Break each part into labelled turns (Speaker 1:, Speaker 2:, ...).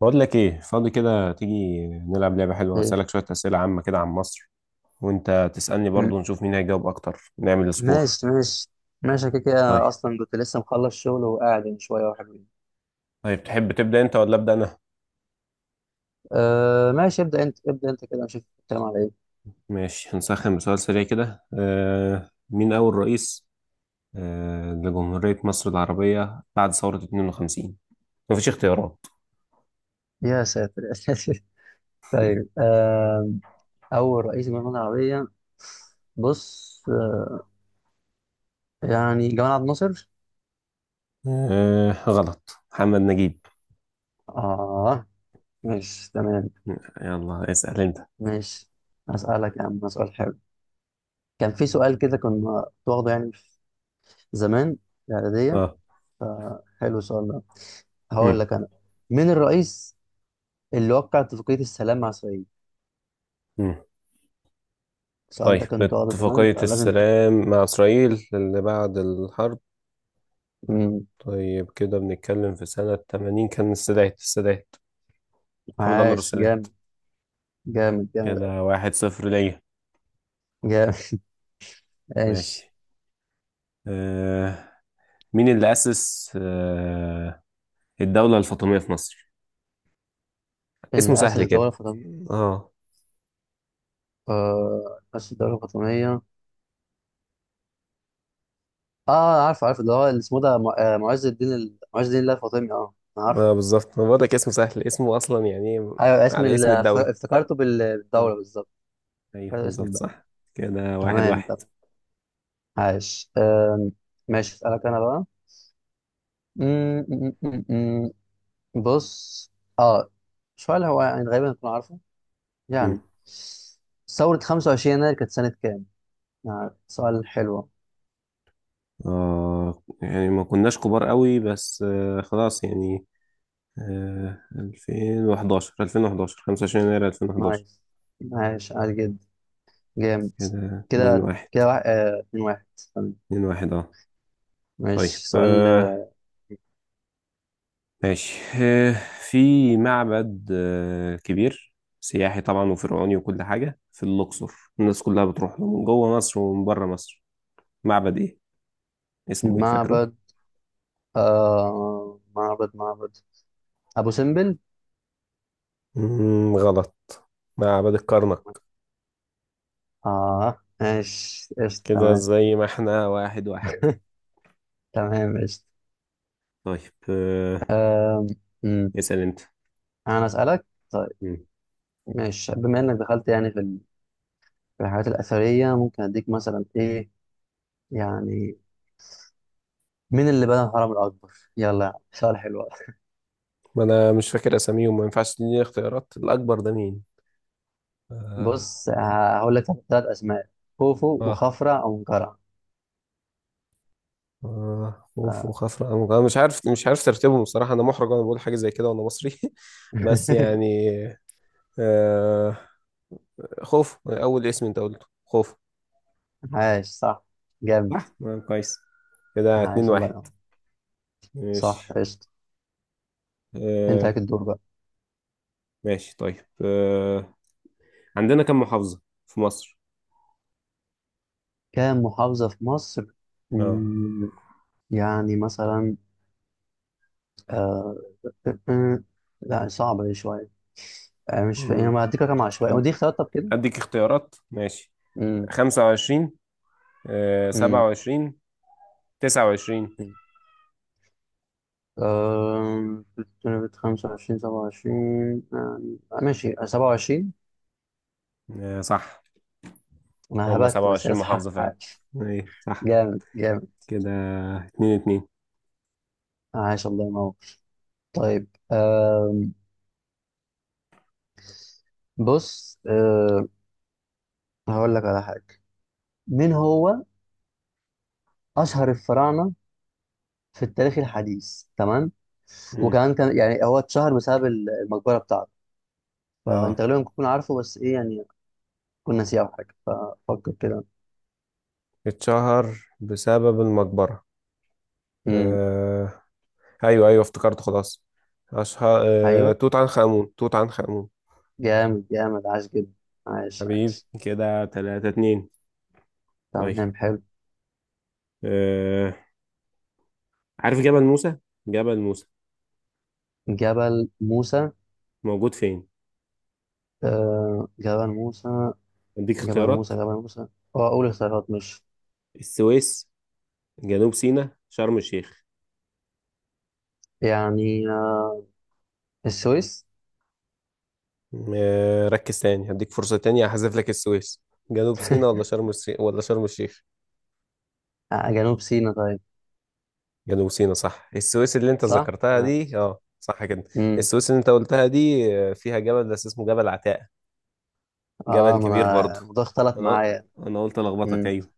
Speaker 1: بقول لك ايه فاضي كده، تيجي نلعب لعبة حلوة.
Speaker 2: إيه.
Speaker 1: هسألك شوية أسئلة عامة كده عن مصر وانت تسألني
Speaker 2: م-
Speaker 1: برضو، نشوف مين هيجاوب اكتر، نعمل سكور.
Speaker 2: ماشي ماشي. ماشي، أنا كده
Speaker 1: طيب،
Speaker 2: كده اصلا كنت لسه مخلص شغل وقاعد من شويه وحبيبي.
Speaker 1: طيب تحب تبدأ انت ولا أبدأ انا؟
Speaker 2: ماشي، ابدا انت ابدا انت كده نشوف الكلام على ايه.
Speaker 1: ماشي، هنسخن بسؤال سريع كده. مين اول رئيس لجمهورية مصر العربية بعد ثورة 52؟ مفيش اختيارات.
Speaker 2: يا ساتر يا ساتر. طيب، اول رئيس جمهورية العربيه؟ بص، يعني جمال عبد الناصر.
Speaker 1: آه غلط، محمد نجيب.
Speaker 2: اه ماشي تمام.
Speaker 1: يلا اسأل انت.
Speaker 2: ماشي هسألك يا عم سؤال حلو. كان في سؤال كده كنا واخده يعني زمان، في الاعداديه.
Speaker 1: اه.
Speaker 2: فحلو السؤال ده، هقول
Speaker 1: مم.
Speaker 2: لك انا: مين الرئيس اللي وقع اتفاقية السلام مع إسرائيل؟
Speaker 1: مم.
Speaker 2: السؤال ده
Speaker 1: طيب،
Speaker 2: كان قاعدة زمان
Speaker 1: اتفاقية
Speaker 2: فلازم.
Speaker 1: السلام مع إسرائيل اللي بعد الحرب.
Speaker 2: مم.
Speaker 1: طيب كده بنتكلم في سنة 80. كان السادات، محمد أنور
Speaker 2: عاش
Speaker 1: السادات.
Speaker 2: جامد، جامد جامد
Speaker 1: كده واحد صفر ليا.
Speaker 2: جامد. عاش.
Speaker 1: ماشي آه، مين اللي أسس الدولة الفاطمية في مصر؟ اسمه
Speaker 2: اللي أسس
Speaker 1: سهل
Speaker 2: الدولة
Speaker 1: كده.
Speaker 2: الفاطمية؟
Speaker 1: اه.
Speaker 2: أسس الدولة الفاطمية، عارف عارف، اللي هو اللي اسمه ده معز الدين معز الدين الله الفاطمي، أنا عارف.
Speaker 1: آه، بالظبط، ما بقول لك اسمه سهل، اسمه أصلا يعني إيه،
Speaker 2: أيوة اسم
Speaker 1: على اسم الدولة.
Speaker 2: افتكرته
Speaker 1: اه
Speaker 2: بالدولة بالظبط.
Speaker 1: أيوه
Speaker 2: افتكرت اسم
Speaker 1: بالظبط
Speaker 2: الدولة.
Speaker 1: صح. كده واحد
Speaker 2: تمام
Speaker 1: واحد.
Speaker 2: تمام، عاش. ماشي أسألك أنا بقى. مم، مم، مم، مم. بص، آه سؤال هو يعني غالبا هتكون عارفه،
Speaker 1: مم.
Speaker 2: يعني ثورة 25 يناير كانت سنة كام؟ يعني سؤال حلو.
Speaker 1: اه يعني ما كناش كبار قوي بس آه خلاص يعني. آه 2011 25 يناير 2011.
Speaker 2: نايس، ماشي عادي جدا، جامد.
Speaker 1: كده اتنين
Speaker 2: كده
Speaker 1: واحد،
Speaker 2: كده واحد، اتنين واحد. تمام.
Speaker 1: اتنين واحد اه. طيب
Speaker 2: ماشي سؤال،
Speaker 1: آه، ماشي آه، في معبد آه كبير سياحي طبعا وفرعوني وكل حاجة في الأقصر، الناس كلها بتروح له من جوه مصر ومن بره مصر. معبد ايه؟ اسمه ايه فاكره؟
Speaker 2: معبد، معبد أبو سمبل.
Speaker 1: مم، غلط، معبد الكرنك.
Speaker 2: اه ماشي قشطة
Speaker 1: كده
Speaker 2: تمام.
Speaker 1: زي ما احنا، واحد واحد.
Speaker 2: تمام قشطة.
Speaker 1: طيب آه،
Speaker 2: أمم.
Speaker 1: اسأل انت.
Speaker 2: أنا أسألك طيب.
Speaker 1: مم.
Speaker 2: ماشي بما إنك دخلت يعني في في الحاجات الأثرية، ممكن أديك مثلا إيه يعني، مين اللي بنى الهرم الأكبر؟ يلا يا عم، سؤال حلو أوي.
Speaker 1: ما انا مش فاكر اساميهم، ما ينفعش تديني اختيارات الاكبر ده مين؟ اه.
Speaker 2: بص، هقول لك ثلاث أسماء: خوفو
Speaker 1: آه.
Speaker 2: وخفرع ومنقرع.
Speaker 1: آه، خوف وخفرة أمج، أنا مش عارف مش عارف ترتيبهم بصراحة، أنا محرج وأنا بقول حاجة زي كده وأنا مصري. بس يعني آه، خوف أول اسم أنت قلته، خوف.
Speaker 2: عاش صح، جامد.
Speaker 1: صح آه، كويس. كده اتنين
Speaker 2: عاش الله
Speaker 1: واحد.
Speaker 2: ينور. صح
Speaker 1: ماشي
Speaker 2: قشطة. أنت
Speaker 1: آه،
Speaker 2: عليك الدور بقى.
Speaker 1: ماشي طيب آه، عندنا كم محافظة في مصر؟
Speaker 2: كام محافظة في مصر؟
Speaker 1: اه.
Speaker 2: مم، يعني مثلا، آه... آه، آه، لا صعبة دي شوية. مش فا... يعني
Speaker 1: مم.
Speaker 2: ما هديك رقم عشوائي،
Speaker 1: أد-
Speaker 2: ودي اختيارات طب كده؟
Speaker 1: أديك اختيارات، ماشي.
Speaker 2: مم،
Speaker 1: خمسة وعشرين، آه سبعة
Speaker 2: مم،
Speaker 1: وعشرين، تسعة وعشرين.
Speaker 2: مم. آه... 25، 27. ماشي 27.
Speaker 1: آه صح،
Speaker 2: انا
Speaker 1: هم
Speaker 2: هبت،
Speaker 1: سبعة
Speaker 2: بس هي
Speaker 1: وعشرين
Speaker 2: صح،
Speaker 1: محافظة فعلا.
Speaker 2: عاش.
Speaker 1: ايه صح.
Speaker 2: جامد جامد.
Speaker 1: كده اتنين اتنين.
Speaker 2: عاش الله ينور. طيب. أم بص، هقول لك على حاجه: مين هو اشهر الفراعنه في التاريخ الحديث؟ تمام،
Speaker 1: مم.
Speaker 2: وكمان كان يعني هو اتشهر بسبب المقبره بتاعته، فانت
Speaker 1: اه
Speaker 2: غالبا كنت تكون عارفه، بس ايه يعني، كنا ناسيه او حاجه، ففكر كده.
Speaker 1: اتشهر بسبب المقبرة.
Speaker 2: امم
Speaker 1: آه. ايوه ايوه افتكرت، خلاص. اشهر آه،
Speaker 2: ايوه،
Speaker 1: توت عنخ آمون.
Speaker 2: جامد جامد عاش جدا. عاش
Speaker 1: حبيبي
Speaker 2: عاش.
Speaker 1: كده تلاتة اتنين. طيب
Speaker 2: تمام حلو.
Speaker 1: آه، عارف جبل موسى، جبل موسى
Speaker 2: جبل موسى؟
Speaker 1: موجود فين؟
Speaker 2: جبل موسى.
Speaker 1: اديك
Speaker 2: جبل
Speaker 1: اختيارات:
Speaker 2: موسى، جبل موسى. اه، أول اختيارات مش،
Speaker 1: السويس، جنوب سيناء، شرم الشيخ.
Speaker 2: يعني، السويس.
Speaker 1: آه، ركز تاني، هديك فرصة تانية، هحذف لك السويس. جنوب سيناء ولا شرم الشيخ ولا شرم الشيخ؟
Speaker 2: جنوب سيناء طيب.
Speaker 1: جنوب سيناء صح. السويس اللي انت
Speaker 2: صح؟
Speaker 1: ذكرتها دي
Speaker 2: ماشي.
Speaker 1: اه صح كده.
Speaker 2: امم
Speaker 1: السويس اللي انت قلتها دي آه، فيها جبل بس اسمه جبل عتاق، جبل
Speaker 2: اه، ما
Speaker 1: كبير
Speaker 2: انا
Speaker 1: برضه.
Speaker 2: الموضوع اختلف
Speaker 1: انا قل-
Speaker 2: معايا.
Speaker 1: انا قلت الخبطك
Speaker 2: امم
Speaker 1: ايوه.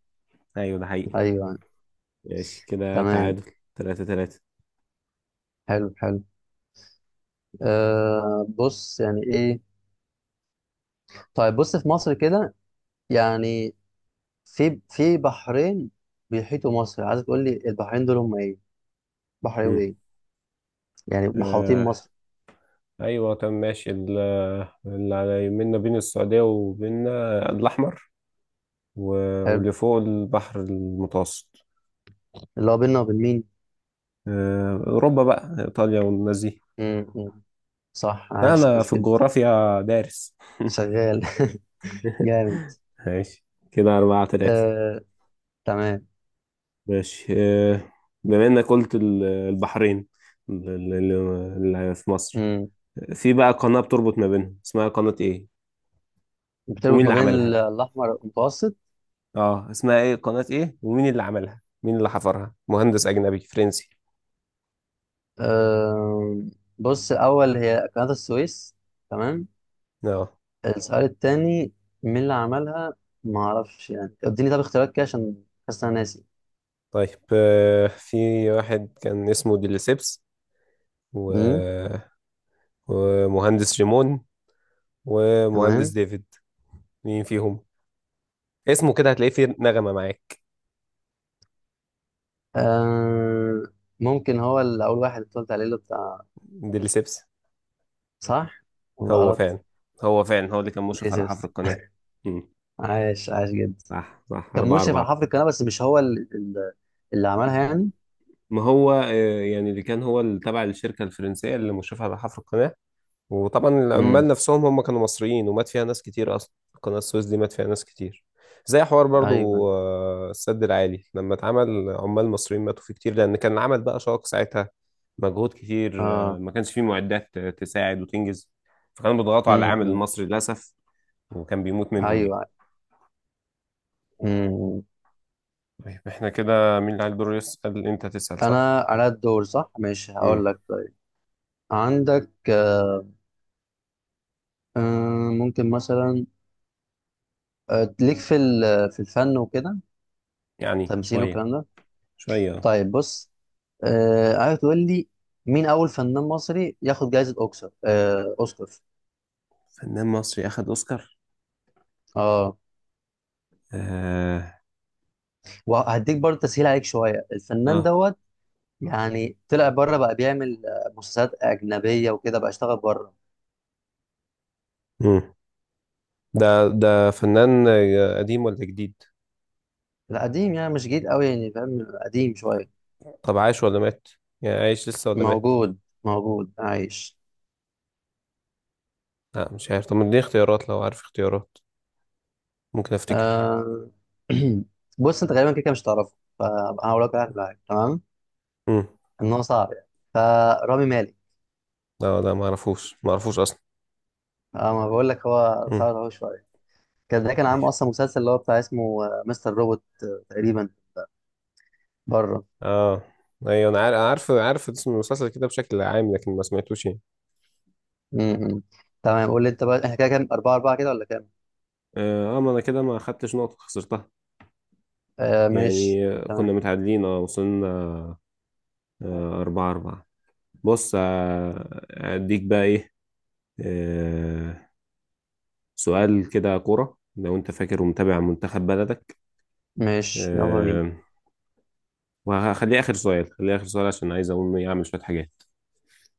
Speaker 1: ايوه ده حقيقي.
Speaker 2: ايوه
Speaker 1: ماشي كده
Speaker 2: تمام.
Speaker 1: تعادل، تلاتة تلاتة.
Speaker 2: حلو حلو. بص يعني ايه. طيب بص، في مصر كده، يعني في بحرين بيحيطوا مصر، عايز تقول لي البحرين دول هم ايه؟ بحر ايه
Speaker 1: مم.
Speaker 2: وايه؟ يعني محاوطين
Speaker 1: آه.
Speaker 2: مصر.
Speaker 1: ايوه تمام ماشي، اللي على يمنا بين السعودية وبيننا الاحمر،
Speaker 2: حلو.
Speaker 1: واللي فوق البحر المتوسط.
Speaker 2: اللي هو بيننا وبين مين؟
Speaker 1: آه، اوروبا بقى، ايطاليا والناس دي.
Speaker 2: أمم. صح،
Speaker 1: لا
Speaker 2: عايش
Speaker 1: انا
Speaker 2: عايش
Speaker 1: في
Speaker 2: جدا،
Speaker 1: الجغرافيا دارس.
Speaker 2: شغال. جامد،
Speaker 1: ماشي كده أربعة تلاتة.
Speaker 2: آه، تمام.
Speaker 1: ماشي آه، بما إنك قلت البحرين اللي اللي في مصر،
Speaker 2: مم.
Speaker 1: في بقى قناة بتربط ما بينهم، اسمها قناة إيه؟ ومين
Speaker 2: بتربط
Speaker 1: اللي
Speaker 2: ما بين
Speaker 1: عملها؟
Speaker 2: الأحمر والمتوسط.
Speaker 1: آه اسمها إيه؟ قناة إيه؟ ومين اللي عملها؟ مين اللي حفرها؟ مهندس أجنبي فرنسي.
Speaker 2: آه، بص، الأول هي قناة السويس. تمام.
Speaker 1: آه
Speaker 2: السؤال التاني: مين اللي عملها؟ ما أعرفش يعني، اديني طب اختيارات كده عشان حاسس إن أنا ناسي.
Speaker 1: طيب آه، في واحد كان اسمه ديليسيبس، و...
Speaker 2: مم.
Speaker 1: ومهندس جيمون، ومهندس
Speaker 2: تمام.
Speaker 1: ديفيد. مين فيهم؟ اسمه كده هتلاقيه فيه نغمة معاك.
Speaker 2: آه، ممكن هو اللي أول واحد اللي قلت عليه، اللي بتاع.
Speaker 1: ديليسيبس.
Speaker 2: صح ولا
Speaker 1: هو
Speaker 2: غلط؟
Speaker 1: فعلا، هو اللي كان مشرف على حفر
Speaker 2: ديسيبس.
Speaker 1: القناة. مم.
Speaker 2: عاش عاش جدا.
Speaker 1: صح صح،
Speaker 2: كان
Speaker 1: أربعة
Speaker 2: مشرف على
Speaker 1: أربعة.
Speaker 2: حفر القناة، بس مش هو اللي عملها يعني.
Speaker 1: ما هو آه، يعني اللي كان هو اللي تبع الشركة الفرنسية اللي مشرفة على حفر القناة، وطبعا
Speaker 2: مم.
Speaker 1: العمال نفسهم هم كانوا مصريين، ومات فيها ناس كتير أصلا. قناة السويس دي مات فيها ناس كتير، زي حوار
Speaker 2: أيوه.
Speaker 1: برضو آه، السد العالي لما اتعمل، عمال مصريين ماتوا فيه كتير لأن كان العمل بقى شاق ساعتها، مجهود كتير آه،
Speaker 2: اه.
Speaker 1: ما كانش فيه معدات آه، تساعد وتنجز، فكانوا بيضغطوا على العامل
Speaker 2: مم.
Speaker 1: المصري للأسف، وكان بيموت منهم يعني.
Speaker 2: ايوه. امم
Speaker 1: طيب احنا كده مين اللي عليه الدور يسأل؟ انت تسأل صح؟
Speaker 2: انا على الدور صح. ماشي
Speaker 1: امم.
Speaker 2: هقول لك طيب: عندك، ممكن مثلا، ليك في في الفن وكده،
Speaker 1: يعني
Speaker 2: تمثيل
Speaker 1: شوية،
Speaker 2: والكلام ده؟
Speaker 1: شوية اه.
Speaker 2: طيب بص، عايز تقول لي: مين اول فنان مصري ياخد جائزة اوكسر آه، اوسكار؟
Speaker 1: فنان مصري أخد أوسكار؟
Speaker 2: اه،
Speaker 1: اه.
Speaker 2: وهديك برضه تسهيل عليك شوية: الفنان
Speaker 1: اه.
Speaker 2: دوت، يعني طلع بره بقى بيعمل مسلسلات أجنبية وكده، بقى اشتغل بره.
Speaker 1: امم. ده ده فنان آه، قديم ولا جديد؟
Speaker 2: لا قديم، يعني مش جديد قوي يعني، فاهم، قديم شوية.
Speaker 1: طب عايش ولا مات؟ يعني عايش لسه ولا مات؟
Speaker 2: موجود، موجود عايش.
Speaker 1: لا مش عارف، طب اديني اختيارات لو عارف اختيارات، ممكن افتكر.
Speaker 2: آه... بص انت غالبا كده كده مش تعرفه، فهقول لك واحد معاك تمام،
Speaker 1: امم.
Speaker 2: ان هو صعب يعني: فرامي مالك.
Speaker 1: لا لا ما اعرفوش، ما اعرفوش اصلا.
Speaker 2: اه، ما بقول لك هو
Speaker 1: امم.
Speaker 2: صعب اهو شويه. كان ده كان
Speaker 1: طيب
Speaker 2: عامل اصلا مسلسل اللي هو بتاع اسمه مستر روبوت، تقريبا، بره.
Speaker 1: اه. ايوه انا عارف، عارف عارف اسم المسلسل كده بشكل عام، لكن ما سمعتوش يعني.
Speaker 2: م-م. تمام، قول لي انت بقى، احنا كده كام؟ اربعه اربعه كده ولا كام؟
Speaker 1: اه آه، ما انا كده ما خدتش نقطة، خسرتها
Speaker 2: ماشي
Speaker 1: يعني، كنا
Speaker 2: تمام.
Speaker 1: متعادلين اه، وصلنا آه، أربعة أربعة. بص آه، أديك بقى إيه، آه، سؤال كده كورة لو أنت فاكر ومتابع منتخب بلدك،
Speaker 2: ماشي، يلا بينا.
Speaker 1: آه، وهخليه آخر سؤال، خليه آخر سؤال عشان عايز أقوم إيه أعمل شوية حاجات.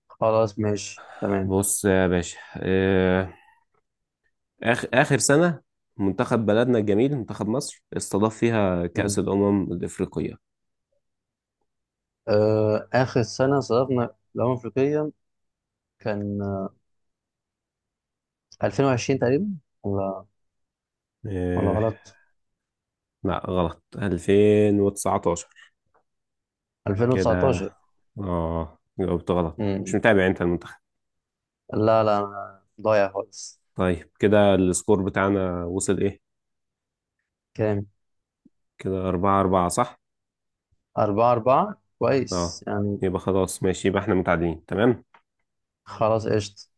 Speaker 2: خلاص ماشي تمام.
Speaker 1: بص يا باشا آه، آخر آخر سنة منتخب بلدنا الجميل منتخب مصر استضاف فيها كأس
Speaker 2: م.
Speaker 1: الأمم الإفريقية؟
Speaker 2: اخر سنه صرفنا في الامم الافريقيه كان 2020 تقريبا، ولا، ولا
Speaker 1: آه،
Speaker 2: غلط؟
Speaker 1: لا غلط، 2019. كده
Speaker 2: 2019.
Speaker 1: اه جاوبت غلط، مش
Speaker 2: امم
Speaker 1: متابع انت المنتخب.
Speaker 2: لا لا، أنا ضايع خالص.
Speaker 1: طيب كده السكور بتاعنا وصل ايه؟
Speaker 2: كام؟
Speaker 1: كده أربعة أربعة صح.
Speaker 2: 4-4،
Speaker 1: اه
Speaker 2: كويس يعني.
Speaker 1: يبقى خلاص ماشي، يبقى احنا متعادلين تمام.
Speaker 2: خلاص قشطة.